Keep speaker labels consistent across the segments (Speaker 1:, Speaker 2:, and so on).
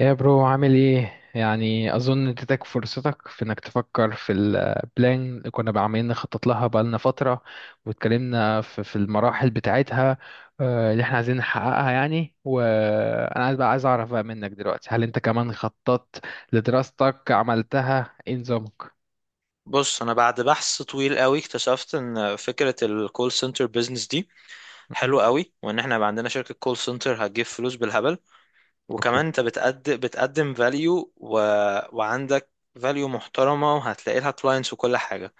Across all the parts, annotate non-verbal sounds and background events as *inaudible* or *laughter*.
Speaker 1: يا برو، عامل ايه؟ يعني اظن اديتك فرصتك في انك تفكر في البلان اللي كنا عمالين نخطط لها بقالنا فتره، واتكلمنا في المراحل بتاعتها. اللي احنا عايزين نحققها يعني. وانا عايز بقى، عايز اعرف بقى منك دلوقتي، هل انت كمان خططت لدراستك؟ عملتها ايه نظامك؟
Speaker 2: بص، انا بعد بحث طويل قوي اكتشفت ان فكره الكول سنتر بيزنس دي
Speaker 1: م- م.
Speaker 2: حلوه قوي، وان احنا يبقى عندنا شركه كول سنتر هتجيب فلوس بالهبل.
Speaker 1: اوكي.
Speaker 2: وكمان انت بتقدم فاليو وعندك فاليو محترمه، وهتلاقي لها كلاينتس وكل حاجه.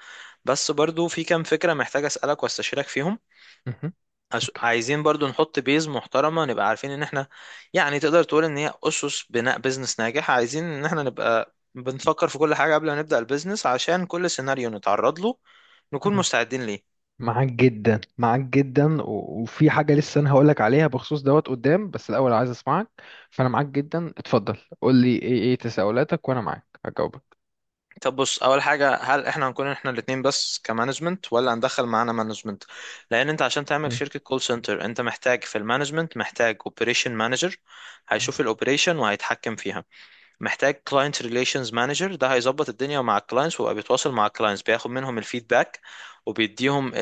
Speaker 2: بس برضو في كام فكره محتاج اسالك واستشيرك فيهم.
Speaker 1: مهم. اوكي.
Speaker 2: عايزين برضو نحط بيز محترمة، نبقى عارفين ان احنا يعني تقدر تقول ان هي اسس بناء بيزنس ناجح. عايزين ان احنا نبقى بنفكر في كل حاجة قبل ما نبدأ البيزنس، عشان كل سيناريو نتعرض له نكون مستعدين ليه.
Speaker 1: معاك جدا، معاك جدا و- وفي حاجة لسه أنا هقولك عليها بخصوص دوت قدام، بس الأول عايز أسمعك. فأنا معاك جدا، اتفضل قول لي إيه تساؤلاتك وأنا معاك هجاوبك.
Speaker 2: طب بص، اول حاجة، هل احنا هنكون احنا الاتنين بس كمانجمنت، ولا هندخل معانا مانجمنت؟ لان انت عشان تعمل
Speaker 1: مم.
Speaker 2: شركة كول سنتر انت محتاج في المانجمنت محتاج اوبريشن مانجر هيشوف الاوبريشن وهيتحكم فيها. محتاج كلاينت ريليشنز مانجر، ده هيظبط الدنيا مع الكلاينتس ويبقى بيتواصل مع الكلاينتس، بياخد منهم الفيدباك وبيديهم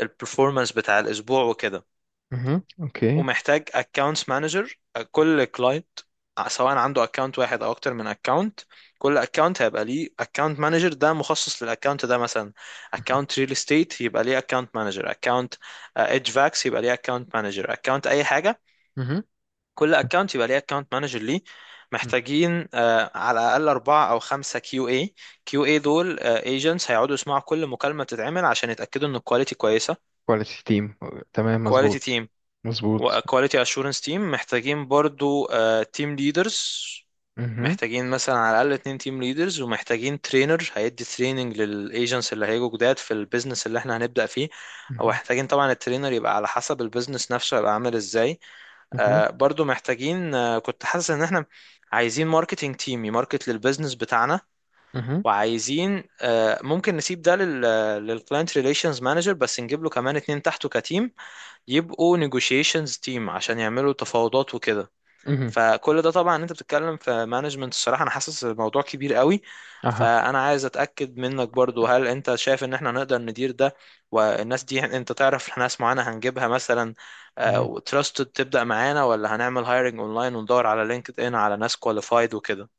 Speaker 2: البرفورمانس بتاع الاسبوع وكده.
Speaker 1: مهم. أوكي.
Speaker 2: ومحتاج اكونتس مانجر. كل كلاينت سواء عنده اكونت واحد او اكتر من اكونت، كل اكونت هيبقى ليه اكونت مانجر ده مخصص للاكونت ده. مثلا
Speaker 1: مهم.
Speaker 2: اكونت ريل استيت يبقى ليه اكونت مانجر، اكونت اتش فاكس يبقى ليه اكونت مانجر، اكونت اي حاجه.
Speaker 1: مهم.
Speaker 2: كل اكونت يبقى ليه اكونت مانجر ليه.
Speaker 1: مم.
Speaker 2: محتاجين على الاقل اربعه او خمسه كيو اي. كيو اي دول ايجنتس هيقعدوا يسمعوا كل مكالمه تتعمل عشان يتاكدوا ان الكواليتي كويسه.
Speaker 1: كواليتي تيم. تمام،
Speaker 2: كواليتي
Speaker 1: مظبوط.
Speaker 2: تيم
Speaker 1: مظبوط.
Speaker 2: وكواليتي اشورنس تيم. محتاجين برضو تيم ليدرز،
Speaker 1: مهم.
Speaker 2: محتاجين مثلا على الاقل اتنين تيم ليدرز. ومحتاجين ترينر هيدي تريننج للايجنتس اللي هيجوا جداد في البيزنس اللي احنا هنبدا فيه.
Speaker 1: مهم.
Speaker 2: ومحتاجين طبعا الترينر يبقى على حسب البيزنس نفسه هيبقى عامل ازاي.
Speaker 1: مهم.
Speaker 2: برضو محتاجين كنت حاسس ان احنا عايزين ماركتينج تيم يماركت للبيزنس بتاعنا.
Speaker 1: مهم.
Speaker 2: وعايزين ممكن نسيب ده للكلاينت ريليشنز مانجر، بس نجيب له كمان اتنين تحته كتيم يبقوا نيجوشيشنز تيم عشان يعملوا تفاوضات وكده.
Speaker 1: مهم.
Speaker 2: فكل ده طبعا انت بتتكلم في مانجمنت، الصراحه انا حاسس الموضوع كبير قوي.
Speaker 1: أها.
Speaker 2: فانا عايز اتاكد منك برضو، هل انت شايف ان احنا نقدر ندير ده؟ والناس دي انت تعرف ناس معانا هنجيبها مثلا
Speaker 1: مهم.
Speaker 2: وتراستد تبدا معانا، ولا هنعمل هايرنج اونلاين وندور على لينكد ان على ناس كواليفايد وكده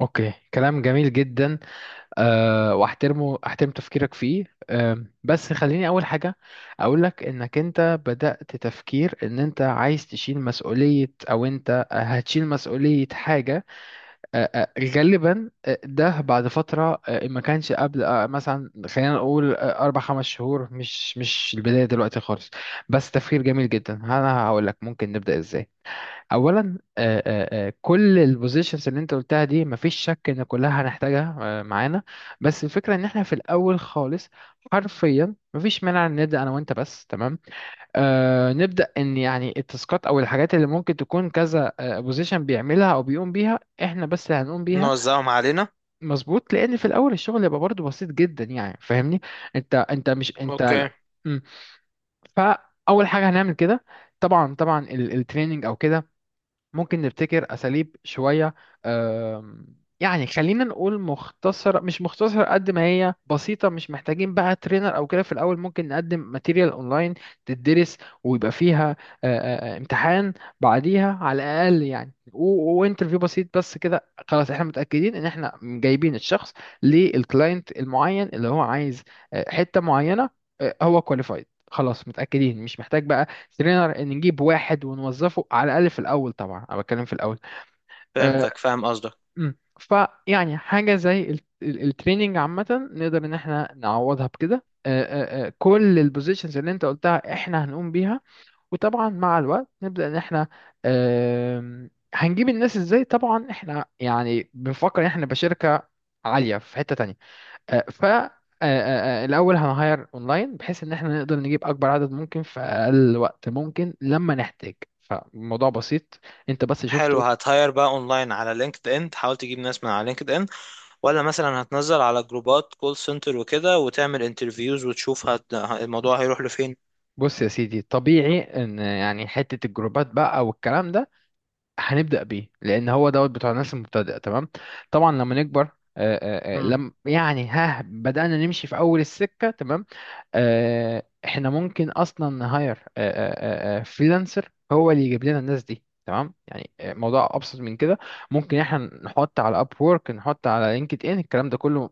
Speaker 1: أوكي، كلام جميل جدا. أه واحترمه، احترم تفكيرك فيه. بس خليني اول حاجه اقول لك انك انت بدأت تفكير ان انت عايز تشيل مسؤوليه، او انت هتشيل مسؤوليه حاجه. أه أه غالبا، ده بعد فتره، ما كانش قبل. مثلا خلينا نقول اربع خمس شهور، مش البدايه دلوقتي خالص. بس تفكير جميل جدا، انا هقول لك ممكن نبدأ ازاي. اولا، كل البوزيشنز اللي انت قلتها دي مفيش شك ان كلها هنحتاجها معانا. بس الفكره ان احنا في الاول خالص، حرفيا مفيش مانع ان نبدا انا وانت بس. تمام. نبدا ان يعني التاسكات او الحاجات اللي ممكن تكون كذا بوزيشن بيعملها او بيقوم بيها، احنا بس اللي هنقوم بيها.
Speaker 2: نوزعهم علينا؟
Speaker 1: مظبوط، لان في الاول الشغل يبقى برضه بسيط جدا، يعني فاهمني. انت مش انت
Speaker 2: اوكي،
Speaker 1: لا. مم. فاول حاجه هنعمل كده. طبعا طبعا التريننج او كده ممكن نبتكر أساليب شوية. آم، يعني خلينا نقول مختصرة، مش مختصرة قد ما هي بسيطة، مش محتاجين بقى ترينر أو كده في الأول. ممكن نقدم ماتيريال أونلاين تدرس، ويبقى فيها امتحان بعديها على الأقل يعني، وانترفيو بسيط بس كده. خلاص احنا متأكدين ان احنا جايبين الشخص للكلاينت المعين اللي هو عايز حتة معينة، هو كواليفايد. خلاص متأكدين، مش محتاج بقى ترينر ان نجيب واحد ونوظفه، على الاقل في الاول. طبعا انا بتكلم في الاول. أه
Speaker 2: فهمتك، فاهم قصدك.
Speaker 1: أمم. فيعني حاجه زي التريننج عامه نقدر ان احنا نعوضها بكده. أه أه أه كل البوزيشنز اللي انت قلتها احنا هنقوم بيها. وطبعا مع الوقت نبدا ان احنا أه هنجيب الناس ازاي. طبعا احنا يعني بنفكر ان احنا نبقى شركه عاليه في حته تانية. ف الاول هنهاير اونلاين بحيث ان احنا نقدر نجيب اكبر عدد ممكن في اقل وقت ممكن لما نحتاج. فالموضوع بسيط، انت بس
Speaker 2: حلو،
Speaker 1: شفته.
Speaker 2: هتهاير بقى اونلاين على لينكد ان تحاول تجيب ناس من على لينكد ان، ولا مثلا هتنزل على جروبات كول سنتر وكده وتعمل انترفيوز وتشوف الموضوع هيروح لفين؟
Speaker 1: بص يا سيدي، طبيعي ان يعني حته الجروبات بقى والكلام ده هنبدا بيه، لان هو دوت بتوع الناس المبتدئه. تمام. طبعا لما نكبر
Speaker 2: امم.
Speaker 1: لم يعني، ها بدأنا نمشي في أول السكة. تمام، احنا ممكن اصلا نهاير فريلانسر هو اللي يجيب لنا الناس دي. تمام، يعني موضوع ابسط من كده. ممكن احنا نحط على اب وورك، نحط على لينكد ان، الكلام ده كله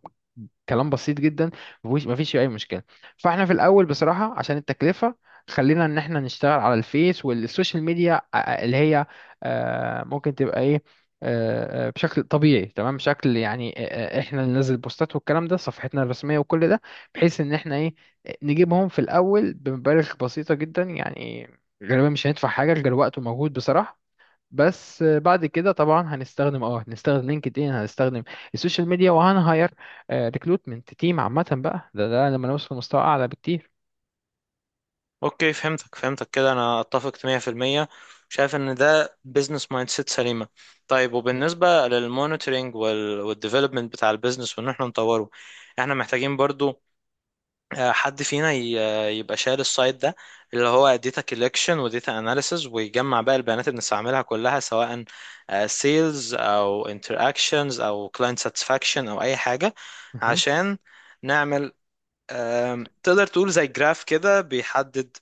Speaker 1: كلام بسيط جدا. مفيش فيه اي مشكله. فاحنا في الاول بصراحه عشان التكلفه، خلينا ان احنا نشتغل على الفيس والسوشيال ميديا اللي هي ممكن تبقى ايه، بشكل طبيعي. تمام، بشكل يعني احنا اللي ننزل بوستات والكلام ده، صفحتنا الرسميه وكل ده، بحيث ان احنا ايه، نجيبهم في الأول بمبالغ بسيطة جدا يعني. غالبا مش هندفع حاجة غير وقت ومجهود بصراحة. بس بعد كده طبعا هنستخدم، هنستخدم لينكد ان، هنستخدم السوشيال ميديا وهنهاير ريكروتمنت تيم عامة بقى. ده لما نوصل لمستوى أعلى بكتير.
Speaker 2: اوكي، فهمتك فهمتك كده، انا اتفق 100%. شايف ان ده بزنس مايند سيت سليمة. طيب، وبالنسبة للمونيتورنج والديفلوبمنت بتاع البيزنس وان احنا نطوره، احنا محتاجين برضو حد فينا يبقى شايل السايد ده، اللي هو داتا كولكشن وداتا اناليسز، ويجمع بقى البيانات اللي بنستعملها كلها، سواء سيلز او انتراكشنز او كلاينت ساتسفاكشن او اي حاجه.
Speaker 1: مهم.
Speaker 2: عشان نعمل تقدر تقول زي جراف كده بيحدد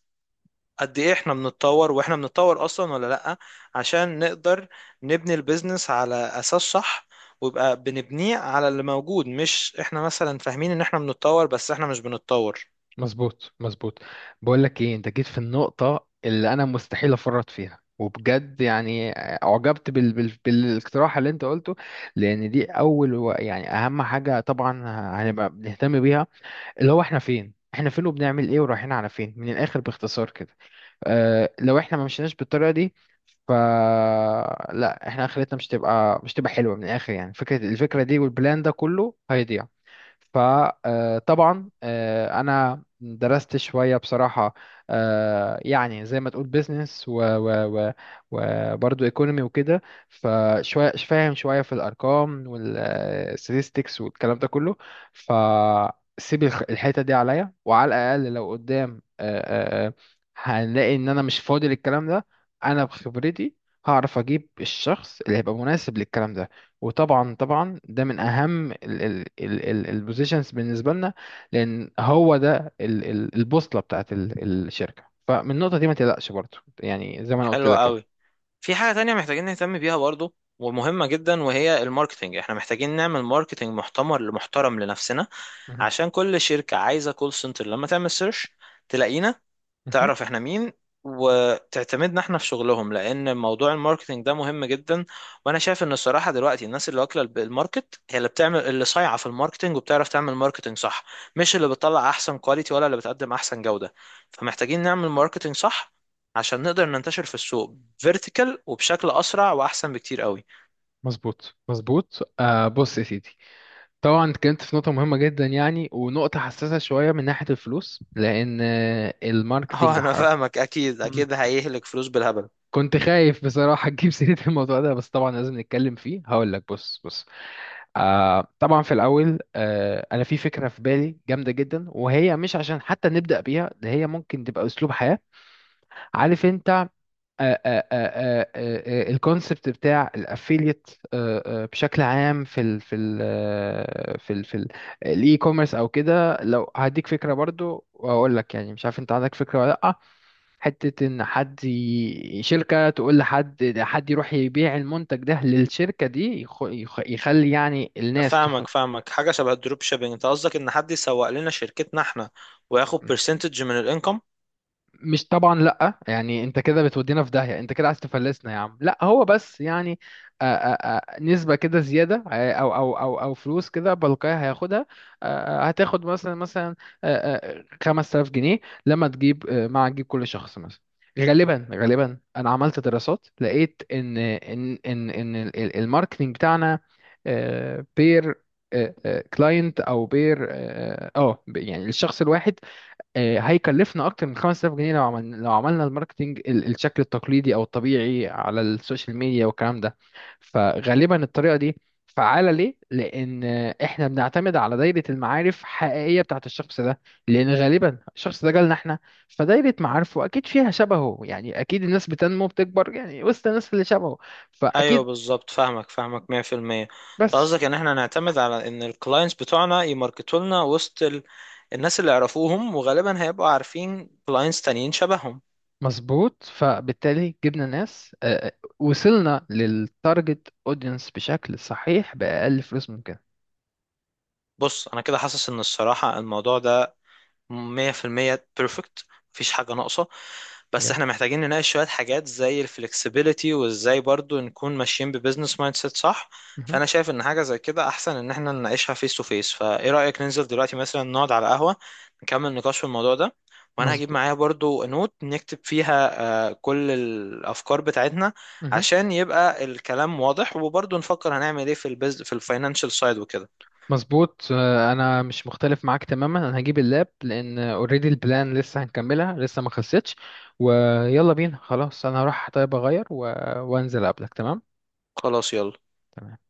Speaker 2: قد ايه احنا بنتطور، واحنا بنتطور اصلا ولا لا، عشان نقدر نبني البيزنس على اساس صح. ويبقى بنبنيه على اللي موجود، مش احنا مثلا فاهمين ان احنا بنتطور بس احنا مش بنتطور.
Speaker 1: مظبوط مظبوط. بقول لك ايه، انت جيت في النقطة اللي انا مستحيل افرط فيها، وبجد يعني اعجبت بالاقتراح اللي انت قلته، لان دي اول، يعني اهم حاجة طبعا هنبقى بنهتم بيها، اللي هو احنا فين، احنا فين وبنعمل ايه ورايحين على فين، من الاخر باختصار كده. اه لو احنا ما مشيناش بالطريقه دي، ف لا احنا اخرتنا مش تبقى حلوه من الاخر يعني. فكره، الفكره دي والبلان ده كله هيضيع. فطبعا انا درست شويه بصراحه، يعني زي ما تقول بيزنس و و و وبرضه ايكونومي وكده. فشويه فاهم شويه في الارقام والستاتستكس والكلام ده كله. فسيب الحته دي عليا، وعلى الاقل لو قدام هنلاقي ان انا مش فاضي للكلام ده. انا بخبرتي هعرف اجيب الشخص اللي هيبقى مناسب للكلام ده. وطبعا طبعا ده من اهم البوزيشنز بالنسبه لنا، لان هو ده البوصله بتاعت الشركه. فمن النقطه دي ما تقلقش برضو، يعني زي ما انا قلت
Speaker 2: حلو
Speaker 1: لك
Speaker 2: قوي.
Speaker 1: كده.
Speaker 2: في حاجة تانية محتاجين نهتم بيها برضو، ومهمة جدا، وهي الماركتينج. احنا محتاجين نعمل ماركتينج محتمر محترم لنفسنا،
Speaker 1: مهم.
Speaker 2: عشان كل شركة عايزة كول سنتر لما تعمل سيرش تلاقينا،
Speaker 1: مهم.
Speaker 2: تعرف احنا مين، وتعتمدنا احنا في شغلهم. لان موضوع الماركتينج ده مهم جدا. وانا شايف ان الصراحه دلوقتي الناس اللي واكله الماركت هي اللي بتعمل، اللي صايعه في الماركتينج وبتعرف تعمل ماركتينج صح، مش اللي بتطلع احسن كواليتي ولا اللي بتقدم احسن جوده. فمحتاجين نعمل ماركتينج صح عشان نقدر ننتشر في السوق فيرتيكال، وبشكل اسرع واحسن بكتير قوي.
Speaker 1: مظبوط مظبوط. بص يا سيدي، طبعا اتكلمت في نقطه مهمه جدا يعني، ونقطه حساسه شويه من ناحيه الفلوس، لان
Speaker 2: *laughs*
Speaker 1: الماركتينج
Speaker 2: اه انا
Speaker 1: حرب.
Speaker 2: فاهمك، اكيد
Speaker 1: مم.
Speaker 2: اكيد هيهلك فلوس بالهبل.
Speaker 1: كنت خايف بصراحه تجيب سيره الموضوع ده، بس طبعا لازم نتكلم فيه. هقول لك، بص بص. طبعا في الأول أنا في فكرة في بالي جامدة جدا، وهي مش عشان حتى نبدأ بيها، ده هي ممكن تبقى أسلوب حياة. عارف أنت. الكونسبت بتاع الأفيليت، بشكل عام في ال في ال الإي كوميرس أو كده. لو هديك فكرة برضو، وأقول لك يعني مش عارف أنت عندك فكرة ولا لأ. حتة إن حد شركة تقول لحد، حد يروح يبيع المنتج ده للشركة دي، يخلي يعني الناس
Speaker 2: فاهمك فاهمك، حاجه شبه الدروب شيبينج. انت قصدك ان حد يسوق لنا شركتنا احنا وياخد برسنتج من الانكم؟
Speaker 1: مش طبعا لا، يعني انت كده بتودينا في داهية، انت كده عايز تفلسنا يا عم. لا هو بس يعني نسبة كده زيادة، او فلوس كده بلقاها هياخدها. هتاخد مثلا، مثلا 5000 جنيه لما تجيب مع تجيب كل شخص مثلا. غالبا غالبا انا عملت دراسات لقيت ان الماركتينج بتاعنا بير كلاينت او بير، يعني الشخص الواحد هيكلفنا اكتر من 5000 جنيه. لو عملنا، الماركتينج، الشكل التقليدي او الطبيعي على السوشيال ميديا والكلام ده. فغالبا الطريقه دي فعاله ليه؟ لان احنا بنعتمد على دايره المعارف حقيقيه بتاعت الشخص ده، لان غالبا الشخص ده جالنا احنا، فدايره معارفه اكيد فيها شبهه. يعني اكيد الناس بتنمو بتكبر يعني وسط الناس اللي شبهه،
Speaker 2: ايوه
Speaker 1: فاكيد.
Speaker 2: بالظبط، فاهمك فاهمك 100%. انت
Speaker 1: بس
Speaker 2: قصدك ان احنا نعتمد على ان الكلاينتس بتوعنا يماركتوا لنا وسط الناس اللي يعرفوهم، وغالبا هيبقوا عارفين كلاينتس تانيين شبههم.
Speaker 1: مظبوط، فبالتالي جبنا ناس، وصلنا للتارجت اودينس بشكل صحيح بأقل فلوس ممكن.
Speaker 2: بص انا كده حاسس ان الصراحة الموضوع ده مية في المية بيرفكت، مفيش حاجة ناقصة. بس
Speaker 1: جميل.
Speaker 2: احنا محتاجين نناقش شوية حاجات زي الفلكسبيليتي وازاي برضو نكون ماشيين ببزنس مايند سيت صح.
Speaker 1: مهم.
Speaker 2: فانا شايف ان حاجة زي كده احسن ان احنا نناقشها فيس تو فيس. فايه رأيك ننزل دلوقتي مثلا نقعد على قهوة نكمل نقاش في الموضوع ده؟ وانا هجيب
Speaker 1: مظبوط.
Speaker 2: معايا برضو نوت نكتب فيها كل الافكار بتاعتنا،
Speaker 1: مهم.
Speaker 2: عشان يبقى الكلام واضح. وبرضو نفكر هنعمل ايه في البز في الفاينانشال سايد وكده.
Speaker 1: مظبوط. انا مش مختلف معاك تماما. انا هجيب اللاب، لان اوريدي البلان لسه هنكملها، لسه ما خلصتش. ويلا بينا خلاص، انا هروح طيب اغير وانزل اقابلك. تمام.
Speaker 2: خلاص، يلا.
Speaker 1: تمام.